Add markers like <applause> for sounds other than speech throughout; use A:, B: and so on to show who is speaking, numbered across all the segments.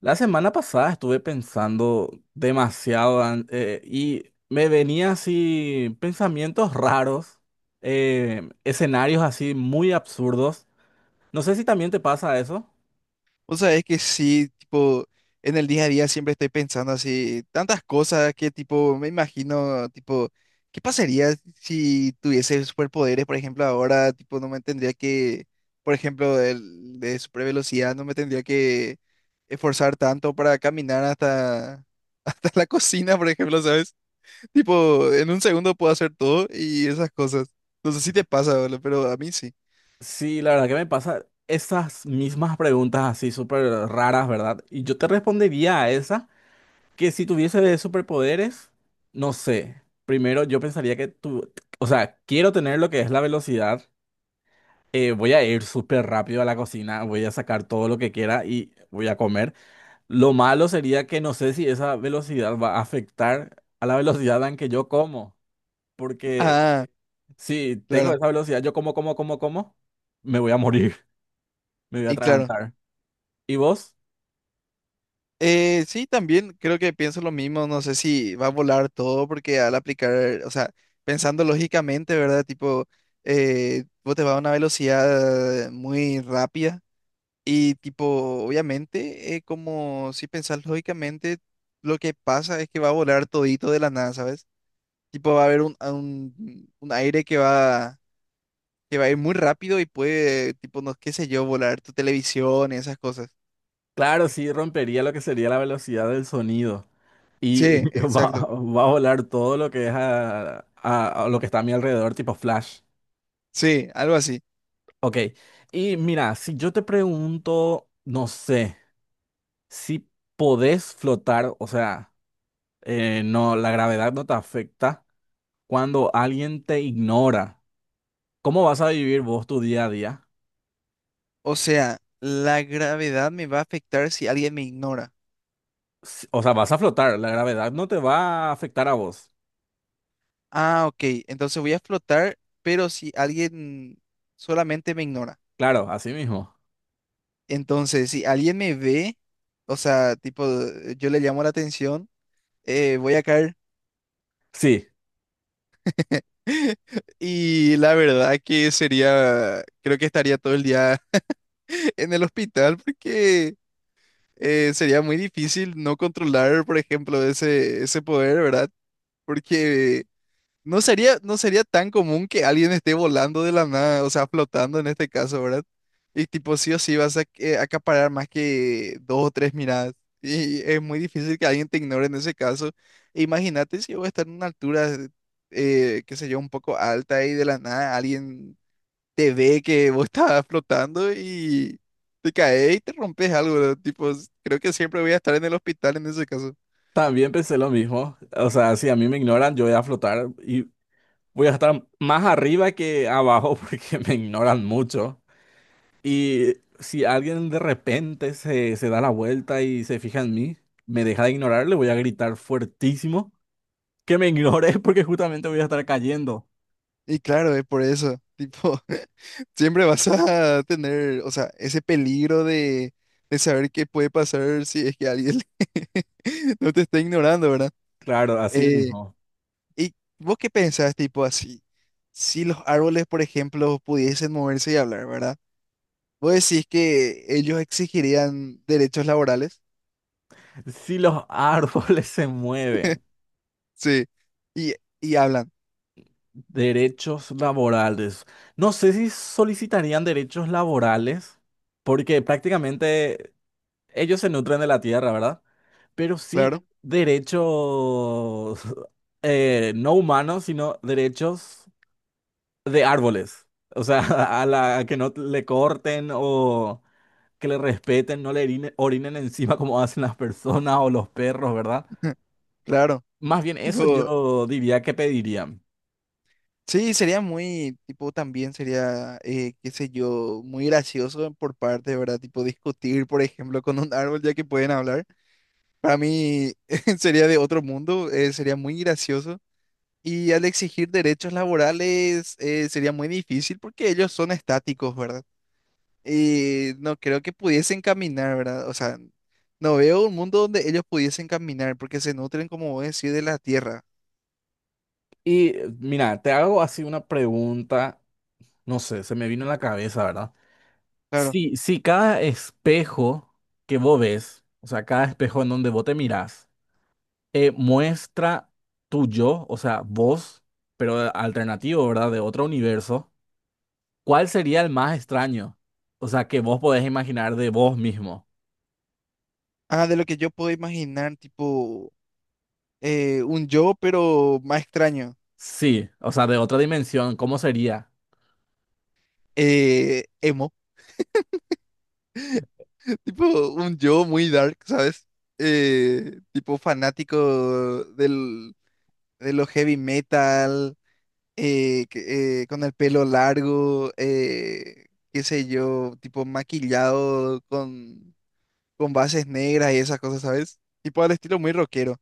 A: La semana pasada estuve pensando demasiado y me venía así pensamientos raros, escenarios así muy absurdos. No sé si también te pasa eso.
B: O sea, es que sí, tipo, en el día a día siempre estoy pensando así, tantas cosas que tipo, me imagino, tipo, ¿qué pasaría si tuviese superpoderes? Por ejemplo, ahora, tipo, no me tendría que, por ejemplo, el de super velocidad, no me tendría que esforzar tanto para caminar hasta, <laughs> hasta la cocina, por ejemplo, ¿sabes? Tipo, en un segundo puedo hacer todo y esas cosas. No sé si te pasa, boludo, pero a mí sí.
A: Sí, la verdad que me pasa esas mismas preguntas así súper raras, ¿verdad? Y yo te respondería a esa que si tuviese superpoderes, no sé. Primero yo pensaría que tú, o sea, quiero tener lo que es la velocidad. Voy a ir súper rápido a la cocina, voy a sacar todo lo que quiera y voy a comer. Lo malo sería que no sé si esa velocidad va a afectar a la velocidad en que yo como, porque
B: Ah,
A: si tengo
B: claro,
A: esa velocidad, yo como, como, como, como, me voy a morir, <laughs> me voy a
B: y claro.
A: atragantar. ¿Y vos?
B: Sí, también creo que pienso lo mismo, no sé si va a volar todo porque al aplicar, o sea, pensando lógicamente, ¿verdad? Tipo, vos te vas a una velocidad muy rápida y tipo, obviamente, como si pensás lógicamente, lo que pasa es que va a volar todito de la nada, ¿sabes? Tipo, va a haber un aire que va a ir muy rápido y puede, tipo, no, qué sé yo, volar tu televisión y esas cosas.
A: Claro, sí, rompería lo que sería la velocidad del sonido
B: Sí,
A: y <laughs> va,
B: exacto.
A: va a volar todo lo que es a lo que está a mi alrededor, tipo flash.
B: Sí, algo así.
A: Ok. Y mira, si yo te pregunto, no sé. Si podés flotar, o sea, no, la gravedad no te afecta cuando alguien te ignora. ¿Cómo vas a vivir vos tu día a día?
B: O sea, la gravedad me va a afectar si alguien me ignora.
A: O sea, vas a flotar, la gravedad no te va a afectar a vos.
B: Ah, ok. Entonces voy a flotar, pero si alguien solamente me ignora.
A: Claro, así mismo.
B: Entonces, si alguien me ve, o sea, tipo, yo le llamo la atención, voy a caer.
A: Sí,
B: <laughs> Y la verdad que sería, creo que estaría todo el día <laughs> en el hospital porque sería muy difícil no controlar, por ejemplo, ese poder, ¿verdad? Porque no sería, no sería tan común que alguien esté volando de la nada, o sea, flotando en este caso, ¿verdad? Y tipo, sí o sí vas a acaparar más que dos o tres miradas. Y es muy difícil que alguien te ignore en ese caso. Imagínate si yo voy a estar en una altura, qué sé yo, un poco alta y de la nada alguien te ve que vos estás flotando y te caes y te rompes algo, ¿verdad? Tipo, creo que siempre voy a estar en el hospital en ese caso.
A: también pensé lo mismo. O sea, si a mí me ignoran, yo voy a flotar y voy a estar más arriba que abajo <laughs> porque me ignoran mucho. Y si alguien de repente se da la vuelta y se fija en mí, me deja de ignorar, le voy a gritar fuertísimo que me ignore <laughs> porque justamente voy a estar cayendo.
B: Y claro, es por eso, tipo, <laughs> siempre vas a tener, o sea, ese peligro de saber qué puede pasar si es que alguien <laughs> no te está ignorando, ¿verdad?
A: Claro, así
B: Eh,
A: mismo.
B: ¿Y vos qué pensás, tipo, así? Si los árboles, por ejemplo, pudiesen moverse y hablar, ¿verdad? ¿Vos decís que ellos exigirían derechos laborales?
A: Si los árboles se mueven,
B: Sí. Y, y hablan,
A: derechos laborales. No sé si solicitarían derechos laborales porque prácticamente ellos se nutren de la tierra, ¿verdad? Pero sí
B: claro,
A: derechos <laughs> no humanos, sino derechos de árboles. O sea, <laughs> a la que no le corten o que le respeten, no le orine- orinen encima como hacen las personas o los perros, ¿verdad?
B: <laughs> claro.
A: Más bien eso
B: Tipo,
A: yo diría que pediría.
B: sí, sería muy, tipo, también sería, qué sé yo, muy gracioso por parte, ¿verdad? Tipo, discutir, por ejemplo, con un árbol ya que pueden hablar. Para mí <laughs> sería de otro mundo, sería muy gracioso. Y al exigir derechos laborales, sería muy difícil porque ellos son estáticos, ¿verdad? Y no creo que pudiesen caminar, ¿verdad? O sea, no veo un mundo donde ellos pudiesen caminar porque se nutren, como vos decís, de la tierra.
A: Y mira, te hago así una pregunta, no sé, se me vino en
B: Mm.
A: la cabeza, ¿verdad?
B: Claro.
A: Si cada espejo que vos ves, o sea, cada espejo en donde vos te mirás, muestra tu yo, o sea, vos, pero alternativo, ¿verdad? De otro universo. ¿Cuál sería el más extraño? O sea, que vos podés imaginar de vos mismo.
B: Ah, de lo que yo puedo imaginar, tipo. Un yo, pero más extraño.
A: Sí, o sea, de otra dimensión, ¿cómo sería?
B: Emo, <laughs> tipo un yo muy dark, ¿sabes? Tipo fanático del, de lo heavy metal, con el pelo largo, qué sé yo, tipo maquillado con bases negras y esas cosas, ¿sabes? Tipo al estilo muy rockero.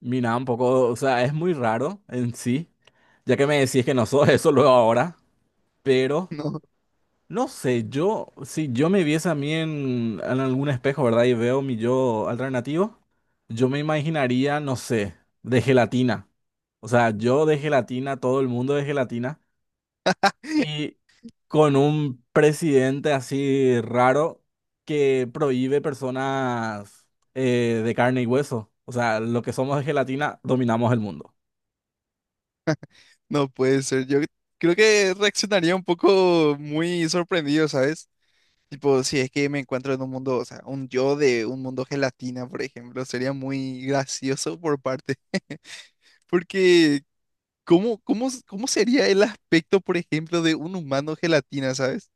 A: Mira, un poco, o sea, es muy raro en sí, ya que me decís que no sos eso luego ahora,
B: <laughs>
A: pero
B: No,
A: no sé, yo, si yo me viese a mí en algún espejo, ¿verdad? Y veo mi yo alternativo, yo me imaginaría, no sé, de gelatina. O sea, yo de gelatina, todo el mundo de gelatina. Y con un presidente así raro que prohíbe personas de carne y hueso. O sea, lo que somos de gelatina, dominamos el mundo.
B: no puede ser. Yo creo que reaccionaría un poco muy sorprendido, ¿sabes? Tipo, si es que me encuentro en un mundo, o sea, un yo de un mundo gelatina, por ejemplo, sería muy gracioso por parte, <laughs> porque ¿cómo, cómo, cómo sería el aspecto, por ejemplo, de un humano gelatina, ¿sabes?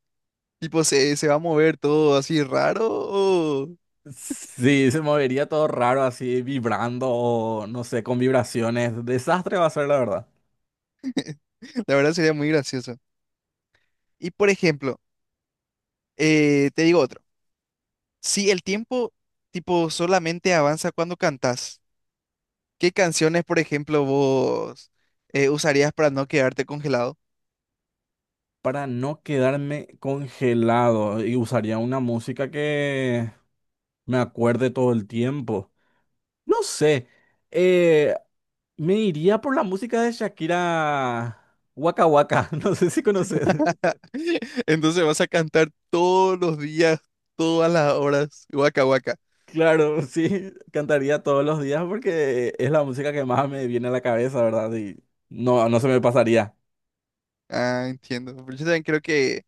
B: Tipo, ¿se, se va a mover todo así raro? O…
A: Sí, se movería todo raro así, vibrando o no sé, con vibraciones. Desastre va a ser, la verdad.
B: <laughs> La verdad sería muy gracioso. Y, por ejemplo, te digo otro. Si el tiempo, tipo, solamente avanza cuando cantas, ¿qué canciones, por ejemplo, vos usarías para no quedarte congelado?
A: Para no quedarme congelado y usaría una música que me acuerde todo el tiempo. No sé. eh, Me iría por la música de Shakira Waka Waka, <laughs> no sé si conoces.
B: <laughs> Entonces vas a cantar todos los días, todas las horas, guaca guaca.
A: Claro, sí, cantaría todos los días porque es la música que más me viene a la cabeza, ¿verdad? Y no, no se me pasaría.
B: Ah, entiendo. Pero yo también creo que,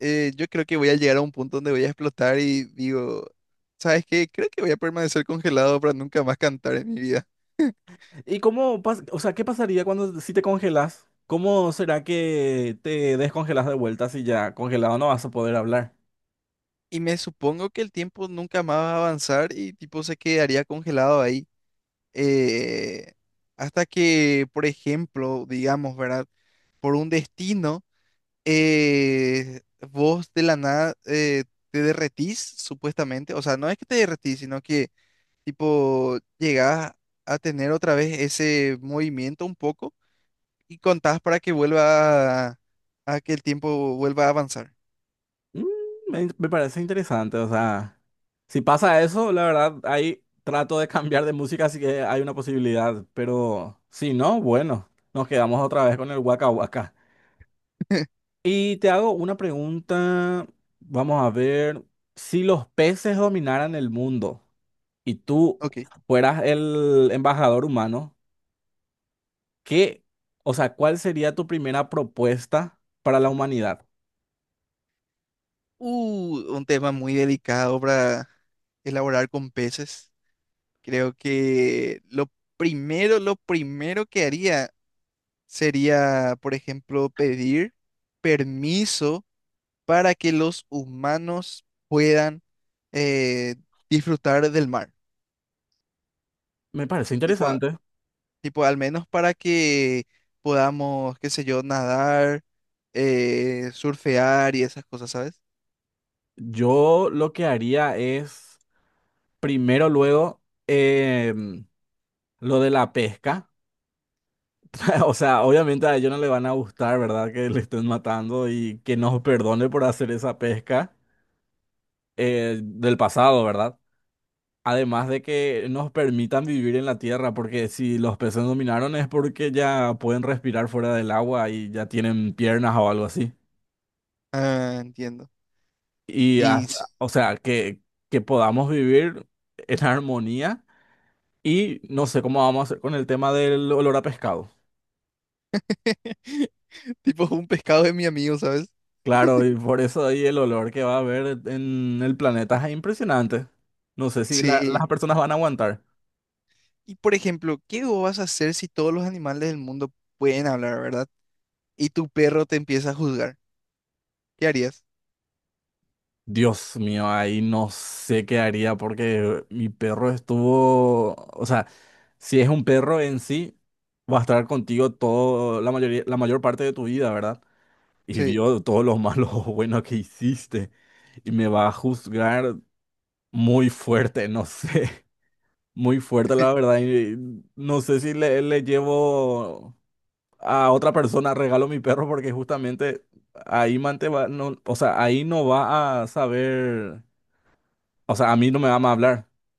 B: yo creo que voy a llegar a un punto donde voy a explotar y digo, ¿sabes qué? Creo que voy a permanecer congelado para nunca más cantar en mi vida.
A: ¿ O sea, ¿qué pasaría cuando si te congelas? ¿Cómo será que te descongelas de vuelta si ya congelado no vas a poder hablar?
B: Y me supongo que el tiempo nunca más va a avanzar y tipo se quedaría congelado ahí. eh, hasta que, por ejemplo, digamos, ¿verdad? Por un destino. eh, vos de la nada te derretís, supuestamente. O sea, no es que te derretís, sino que tipo llegás a tener otra vez ese movimiento un poco y contás para que vuelva a que el tiempo vuelva a avanzar.
A: Mm, me parece interesante, o sea, si pasa eso, la verdad, ahí trato de cambiar de música, así que hay una posibilidad, pero si no, bueno, nos quedamos otra vez con el Waka Waka.
B: <laughs>
A: Y te hago una pregunta, vamos a ver, si los peces dominaran el mundo y tú
B: Ok.
A: fueras el embajador humano, ¿qué, o sea, cuál sería tu primera propuesta para la humanidad?
B: Un tema muy delicado para elaborar con peces. Creo que lo primero que haría sería, por ejemplo, pedir permiso para que los humanos puedan eh, disfrutar del mar.
A: Me parece
B: Tipo,
A: interesante.
B: tipo, al menos para que podamos, qué sé yo, nadar, surfear y esas cosas, ¿sabes?
A: Yo lo que haría es... Primero, luego, lo de la pesca. <laughs> O sea, obviamente a ellos no les van a gustar, ¿verdad? Que le estén matando y que nos perdone por hacer esa pesca del pasado, ¿verdad? Además de que nos permitan vivir en la tierra, porque si los peces dominaron es porque ya pueden respirar fuera del agua y ya tienen piernas o algo así.
B: Ah, entiendo.
A: Y,
B: Y
A: ah,
B: s-
A: o sea, que podamos vivir en armonía y no sé cómo vamos a hacer con el tema del olor a pescado.
B: <laughs> tipo un pescado de mi amigo, ¿sabes?
A: Claro, y por eso ahí el olor que va a haber en el planeta es impresionante. No sé si
B: Sí.
A: las personas van a aguantar.
B: Y por ejemplo, ¿qué vos vas a hacer si todos los animales del mundo pueden hablar, ¿verdad? Y tu perro te empieza a juzgar. ¿Qué harías?
A: Dios mío, ahí no sé qué haría porque mi perro estuvo, o sea, si es un perro en sí, va a estar contigo todo, la mayoría, la mayor parte de tu vida, ¿verdad? Y
B: Sí.
A: vio todos los malos o buenos <laughs> que hiciste y me va a juzgar muy fuerte, no sé, <laughs> muy fuerte la verdad. Y no sé si le llevo a otra persona, regalo mi perro porque justamente ahí Mante va, no, o sea, ahí no va a saber, o sea, a mí no me va a hablar. <laughs>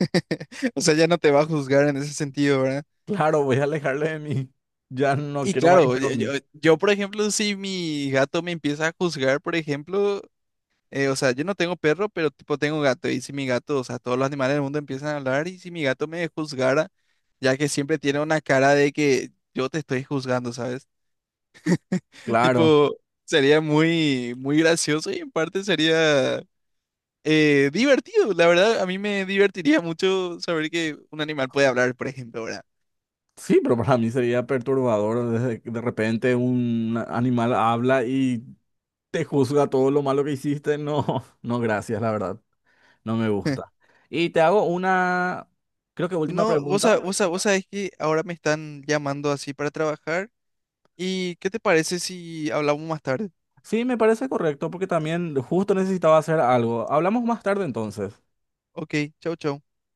B: <laughs> O sea, ya no te va a juzgar en ese sentido, ¿verdad?
A: Claro, voy a alejarle de mí. Ya no
B: Y
A: quiero más que
B: claro,
A: esté conmigo.
B: yo, por ejemplo, si mi gato me empieza a juzgar, por ejemplo, o sea, yo no tengo perro, pero tipo tengo gato, y si mi gato, o sea, todos los animales del mundo empiezan a hablar, y si mi gato me juzgara, ya que siempre tiene una cara de que yo te estoy juzgando, ¿sabes? <laughs>
A: Claro.
B: Tipo, sería muy, muy gracioso y en parte sería divertido, la verdad, a mí me divertiría mucho saber que un animal puede hablar, por ejemplo, ¿verdad?
A: Sí, pero para mí sería perturbador desde que de repente un animal habla y te juzga todo lo malo que hiciste. No, <laughs> no, gracias, la verdad. No me gusta.
B: <laughs>
A: Y te hago una, creo que última
B: No,
A: pregunta.
B: vos sabés que ahora me están llamando así para trabajar. ¿Y qué te parece si hablamos más tarde?
A: Sí, me parece correcto porque también justo necesitaba hacer algo. Hablamos más tarde entonces.
B: Ok, chau, chau.